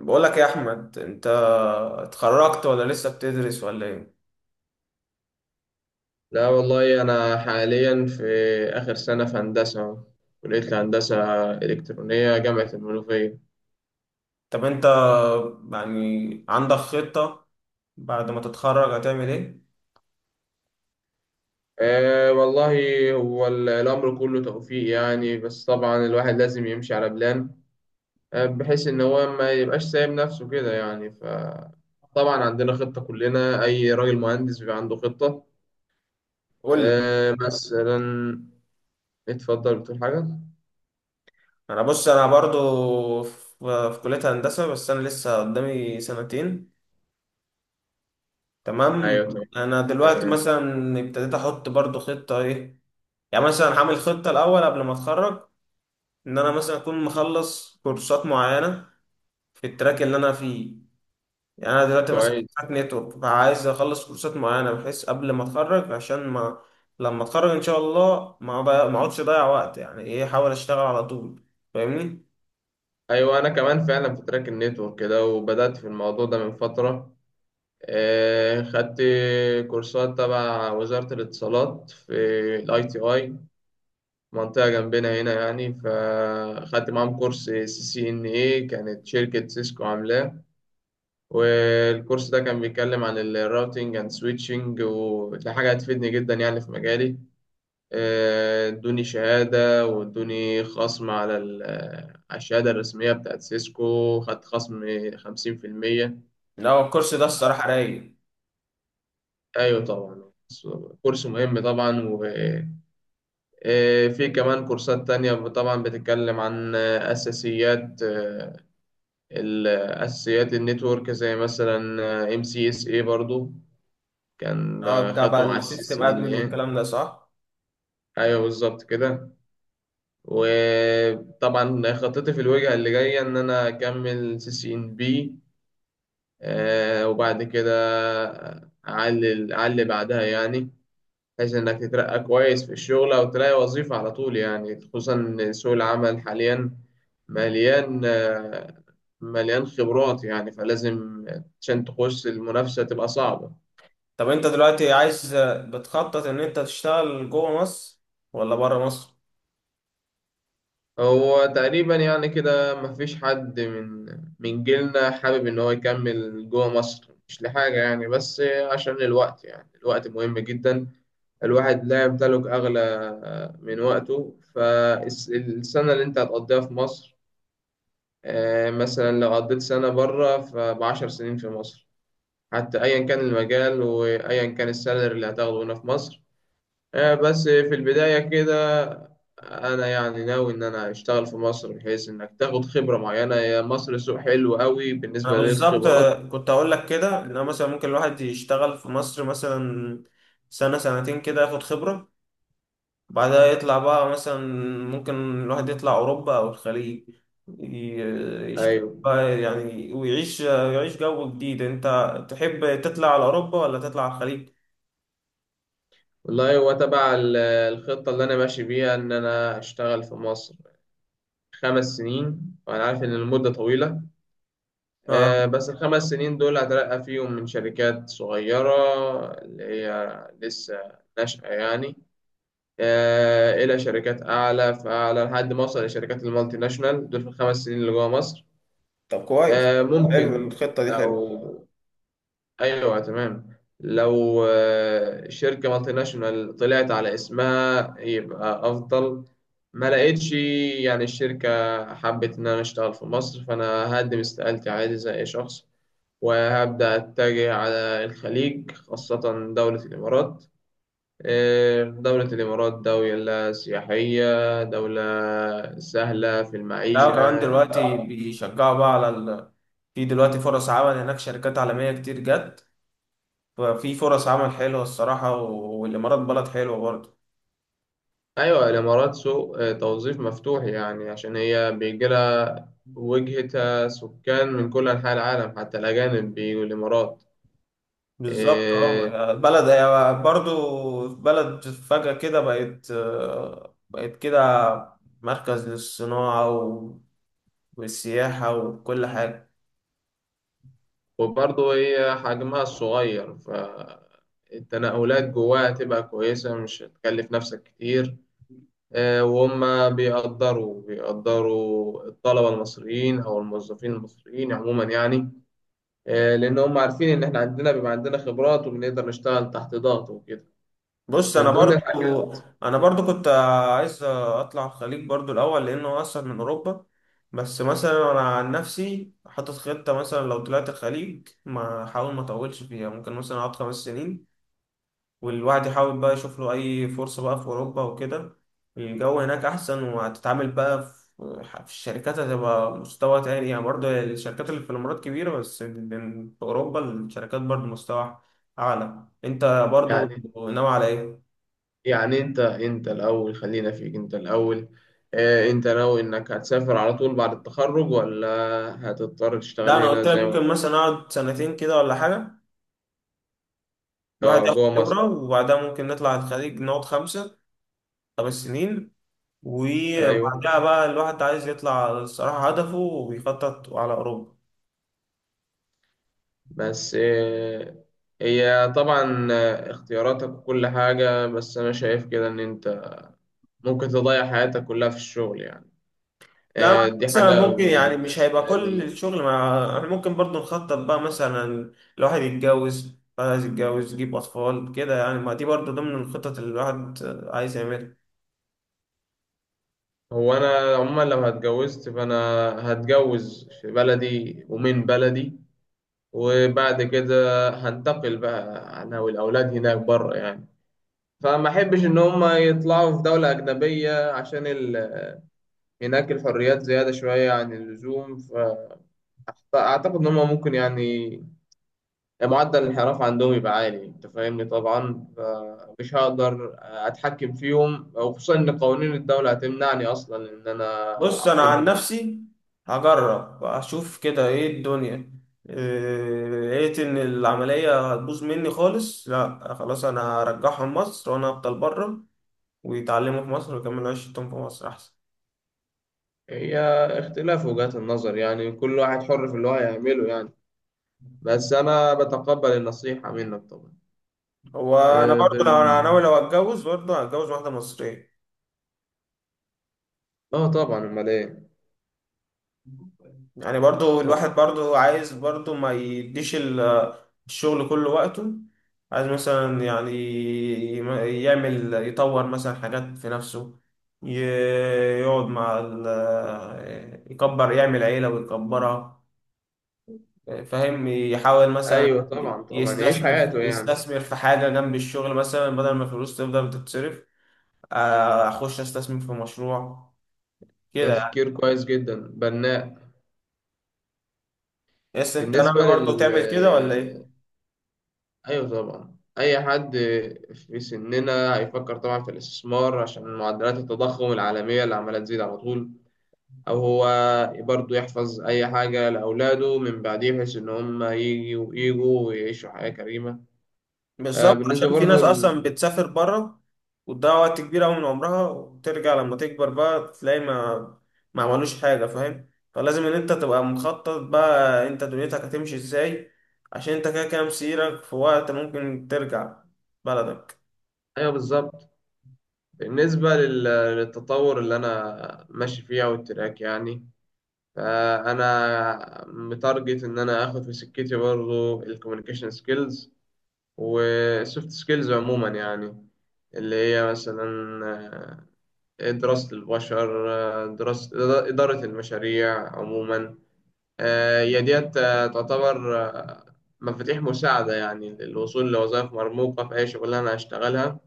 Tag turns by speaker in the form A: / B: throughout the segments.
A: بقول لك يا احمد، انت اتخرجت ولا لسه بتدرس ولا ايه؟
B: لا والله، أنا حاليا في آخر سنة في هندسة، كلية الهندسة الإلكترونية، جامعة المنوفية.
A: طب انت يعني عندك خطة بعد ما تتخرج هتعمل ايه؟
B: والله هو الأمر كله توفيق يعني، بس طبعا الواحد لازم يمشي على بلان. بحيث إن هو ما يبقاش سايب نفسه كده يعني. فطبعا عندنا خطة، كلنا أي راجل مهندس بيبقى عنده خطة.
A: قول لي.
B: مثلا... اتفضل، بتقول حاجة؟
A: انا بص، انا برضو في كلية هندسة، بس انا لسه قدامي سنتين. تمام.
B: أيوه، تمام.
A: انا دلوقتي
B: تمام.
A: مثلا ابتديت احط برضو خطة ايه، يعني مثلا هعمل خطة الاول قبل ما اتخرج ان انا مثلا اكون مخلص كورسات معينة في التراك اللي انا فيه. يعني انا دلوقتي مثلا في
B: كويس.
A: بتاعت نتورك، فعايز اخلص كورسات معينه بحيث قبل ما اتخرج عشان ما، لما اتخرج ان شاء الله ما اقعدش اضيع وقت، يعني ايه، احاول اشتغل على طول. فاهمني؟
B: ايوه، انا كمان فعلا في تراك النتورك كده، وبدات في الموضوع ده من فتره. خدت كورسات تبع وزاره الاتصالات في الاي تي اي، منطقه جنبنا هنا يعني. فخدت معاهم كورس سي سي ان اي، كانت شركه سيسكو عاملاه. والكورس ده كان بيتكلم عن الراوتينج اند سويتشنج، ودي حاجه هتفيدني جدا يعني في مجالي. ادوني شهادة، وادوني خصم على على الشهادة الرسمية بتاعت سيسكو. خدت خصم 50%.
A: لا هو الكورس ده الصراحه رايق.
B: أيوة طبعا. كورس مهم طبعا. وفي كمان كورسات تانية طبعا، بتتكلم عن أساسيات أساسيات النتورك، زي مثلا ام سي اس اي. برضو كان
A: اه، بتاع بقى
B: خدته مع السي
A: السيستم
B: سي ان
A: ادمن
B: اي.
A: والكلام ده، صح.
B: ايوه بالظبط كده. وطبعا خطتي في الوجهة اللي جاية إن أنا أكمل سي سي إن بي، وبعد كده أعلي أعلي بعدها يعني. بحيث إنك تترقى كويس في الشغل، أو تلاقي وظيفة على طول يعني. خصوصا إن سوق العمل حاليا مليان، مليان خبرات يعني. فلازم عشان تخش المنافسة تبقى صعبة.
A: طب انت دلوقتي عايز، بتخطط ان انت تشتغل جوه مصر ولا بره مصر؟
B: هو تقريبا يعني كده مفيش حد من جيلنا حابب إن هو يكمل جوه مصر، مش لحاجة يعني، بس عشان الوقت يعني. الوقت مهم جدا، الواحد لا يمتلك أغلى من وقته. فالسنة اللي أنت هتقضيها في مصر، مثلا لو قضيت سنة بره فبعشر سنين في مصر، حتى أيا كان المجال وأيا كان السالري اللي هتاخده هنا في مصر. بس في البداية كده، أنا يعني ناوي إن أنا أشتغل في مصر، بحيث إنك تاخد خبرة معينة. يا مصر سوق حلو قوي
A: انا
B: بالنسبة
A: بالظبط
B: للخبرات.
A: كنت اقول لك كده، ان أنا مثلا ممكن الواحد يشتغل في مصر مثلا سنة سنتين كده، ياخد خبره، بعدها يطلع بقى مثلا. ممكن الواحد يطلع أوروبا أو الخليج، ي- يشتغل
B: أيوه
A: بقى يعني، ويعيش يعيش جو جديد. أنت تحب تطلع على أوروبا ولا تطلع على الخليج؟
B: والله، هو تبع الخطة اللي أنا ماشي بيها إن أنا أشتغل في مصر 5 سنين. وأنا عارف إن المدة طويلة.
A: آه،
B: بس الخمس سنين دول هترقى فيهم من شركات صغيرة، اللي هي لسه ناشئة يعني. الى شركات اعلى فاعلى، لحد ما اوصل لشركات المالتي ناشونال دول في الخمس سنين اللي جوه مصر.
A: طب كويس. حلو
B: ممكن.
A: الخطة دي، حلو.
B: لو... ايوه تمام. لو شركه مالتي ناشونال طلعت على اسمها يبقى افضل. ما لقيتش يعني الشركه حبت ان انا اشتغل في مصر، فانا هقدم استقالتي عادي زي اي شخص. وهبدا اتجه على الخليج، خاصه دوله الامارات. دولة الإمارات دولة سياحية، دولة سهلة في
A: لا،
B: المعيشة.
A: كمان دلوقتي بيشجعوا بقى على ال... في دلوقتي فرص عمل هناك، شركات عالمية كتير جت، ففي فرص عمل حلوة الصراحة، والإمارات بلد حلوة برضه.
B: أيوة، الإمارات سوق توظيف مفتوح يعني. عشان هي بيجيلها وجهة سكان من كل أنحاء العالم، حتى الأجانب بيجوا الإمارات.
A: بالظبط،
B: إيه.
A: اه، بلد هي برضو بلد فجأة كده بقت، بقت كده مركز للصناعة والسياحة وكل حاجة.
B: وبرضه هي حجمها الصغير، فالتنقلات جواها تبقى كويسة، مش هتكلف نفسك كتير. وهم بيقدروا الطلبة المصريين أو الموظفين المصريين عموما يعني. لأن هم عارفين إن إحنا عندنا بيبقى عندنا خبرات، وبنقدر نشتغل تحت ضغط وكده.
A: بص أنا
B: من ضمن الحاجات.
A: برضو، أنا برضو كنت عايز أطلع الخليج برضو الأول لأنه أصلا من أوروبا. بس مثلا أنا عن نفسي حاطط خطة مثلا لو طلعت الخليج ما أحاول ما أطولش فيها، ممكن مثلا أقعد 5 سنين والواحد يحاول بقى يشوف له أي فرصة بقى في أوروبا وكده. الجو هناك أحسن، وهتتعامل بقى في الشركات، هتبقى مستوى تاني يعني. برضه الشركات اللي في الإمارات كبيرة، بس في أوروبا الشركات برضه مستوى أعلى. أنت برضه
B: يعني
A: ناوي على إيه؟
B: يعني أنت الأول، خلينا فيك أنت الأول. أنت ناوي إنك هتسافر على طول بعد التخرج، ولا هتضطر
A: لا
B: تشتغل
A: أنا
B: هنا
A: قلت لك
B: زي ما...
A: ممكن مثلا أقعد سنتين كده ولا حاجة، الواحد ياخد
B: جوه مصر.
A: خبرة، وبعدها ممكن نطلع الخليج نقعد خمسة، 5 سنين،
B: أيوه
A: وبعدها بقى الواحد عايز يطلع الصراحة هدفه وبيخطط على أوروبا.
B: بس هي طبعا اختياراتك وكل حاجة، بس أنا شايف كده إن أنت ممكن تضيع حياتك كلها في الشغل يعني.
A: لا أنا
B: دي
A: مثلا
B: حاجة
A: ممكن يعني مش هيبقى
B: بالنسبة
A: كل
B: لي.
A: الشغل، مع احنا ممكن برضو نخطط بقى مثلا الواحد يتجوز بعد، عايز يتجوز، يجيب أطفال كده يعني، ما دي برضو ضمن الخطط اللي الواحد عايز يعملها.
B: هو أنا عموما، لو هتجوزت فأنا هتجوز في بلدي ومن بلدي. وبعد كده هنتقل بقى أنا والأولاد هناك بره يعني. فما أحبش إن هما يطلعوا في دولة أجنبية، عشان هناك الحريات زيادة شوية عن اللزوم. فأعتقد إن هما ممكن يعني معدل الانحراف عندهم يبقى عالي. انت فاهمني طبعا. فمش هقدر اتحكم فيهم، وخصوصا ان قوانين الدولة هتمنعني اصلا ان انا
A: بص أنا عن
B: اعاقبهم او حاجة.
A: نفسي هجرب أشوف كده إيه الدنيا، إيه، لقيت إن العملية هتبوظ مني خالص، لا خلاص أنا هرجعهم مصر وأنا هفضل بره، ويتعلموا في مصر ويكملوا عيشتهم في مصر أحسن.
B: هي اختلاف وجهات النظر يعني، كل واحد حر في اللي هو هيعمله يعني. بس انا بتقبل النصيحة منك طبعا.
A: هو أنا
B: اه
A: برضو لو أنا ناوي، لو هتجوز برضو هتجوز واحدة مصرية.
B: اه طبعا، امال ايه.
A: يعني برضو
B: طب.
A: الواحد برضو عايز برضو ما يديش ال- الشغل كله وقته، عايز مثلا يعني يعمل، يطور مثلا حاجات في نفسه، ي- يقعد مع ال-، يكبر، يعمل عيلة ويكبرها. فاهم، يحاول مثلا
B: ايوه طبعا طبعا، يعيش
A: يستثمر
B: حياته يعني.
A: يستثمر في حاجة جنب الشغل، مثلا بدل ما الفلوس تفضل تتصرف، أخش أستثمر في مشروع كده يعني.
B: تفكير كويس جدا، بناء.
A: بس أنت
B: بالنسبة
A: ناوي برضو
B: لل
A: تعمل كده ولا إيه؟
B: ايوه طبعا. اي حد في سننا هيفكر طبعا في الاستثمار، عشان معدلات التضخم العالميه اللي عماله تزيد على طول. او هو برضه يحفظ اي حاجه لاولاده من بعديه، بحيث ان هم يجوا ويعيشوا حياه كريمه.
A: بالظبط،
B: بالنسبه
A: عشان في
B: برضه
A: ناس اصلا بتسافر بره وتضيع وقت كبير قوي من عمرها، وترجع لما تكبر بقى تلاقي ما عملوش حاجه. فاهم، فلازم ان انت تبقى مخطط بقى انت دنيتك هتمشي ازاي، عشان انت كده كده مسيرك في وقت ممكن ترجع بلدك.
B: ايوه بالظبط. بالنسبه لل... للتطور اللي انا ماشي فيه، او التراك يعني. فانا متارجت ان انا اخد في سكتي برضه الكوميونيكيشن سكيلز وسوفت سكيلز عموما يعني. اللي هي مثلا دراسة البشر، دراسة إدارة المشاريع عموما. هي ديت تعتبر مفاتيح مساعدة يعني للوصول لوظائف مرموقة في أي شغلانة أنا هشتغلها.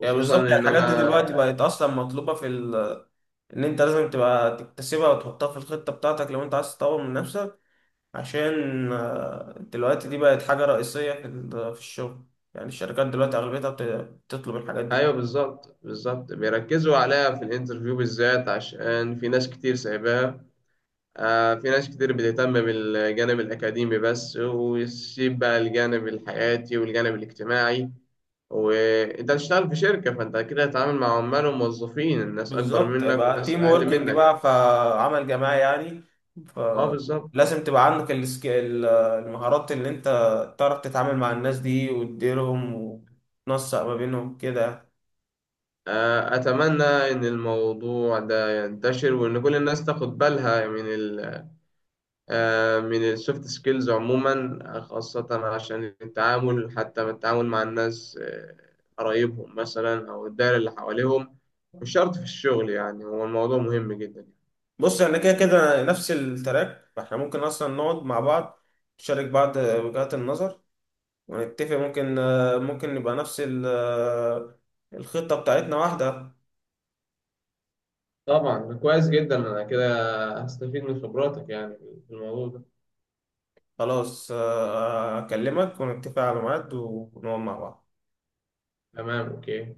A: يعني
B: خصوصا
A: بالظبط، يعني
B: إن
A: الحاجات دي
B: أنا
A: دلوقتي بقت اصلا مطلوبه في ال...، ان انت لازم تبقى تكتسبها وتحطها في الخطه بتاعتك لو انت عايز تطور من نفسك، عشان آه، دلوقتي دي بقت حاجة رئيسية في ال- في الشغل. يعني الشركات دلوقتي أغلبيتها بتطلب الحاجات دي.
B: أيوه بالظبط بالظبط، بيركزوا عليها في الانترفيو بالذات، عشان في ناس كتير سايباها. في ناس كتير بتهتم بالجانب الأكاديمي بس، ويسيب بقى الجانب الحياتي والجانب الاجتماعي. وأنت هتشتغل في شركة، فأنت كده هتتعامل مع عمال وموظفين، الناس أكبر
A: بالظبط،
B: منك
A: يبقى
B: وناس
A: تيم
B: أقل
A: ووركينج
B: منك.
A: بقى، فعمل جماعي يعني.
B: بالظبط.
A: فلازم تبقى عندك المهارات اللي أنت تعرف تتعامل مع الناس دي وتديرهم وتنسق ما بينهم كده.
B: أتمنى إن الموضوع ده ينتشر، وإن كل الناس تاخد بالها من السوفت سكيلز عموما، خاصة عشان التعامل حتى من التعامل مع الناس، قرايبهم مثلا أو الدائرة اللي حواليهم. مش شرط في الشغل يعني، هو الموضوع مهم جدا.
A: بص احنا كده كده نفس التراك، فاحنا ممكن أصلا نقعد مع بعض نشارك بعض وجهات النظر ونتفق، ممكن آه، ممكن نبقى نفس ال- آه، الخطة بتاعتنا واحدة.
B: طبعا كويس جدا، أنا كده هستفيد من خبراتك يعني في الموضوع ده.
A: خلاص آه، آه، أكلمك ونتفق على ميعاد ونقعد مع بعض.
B: تمام، أوكي.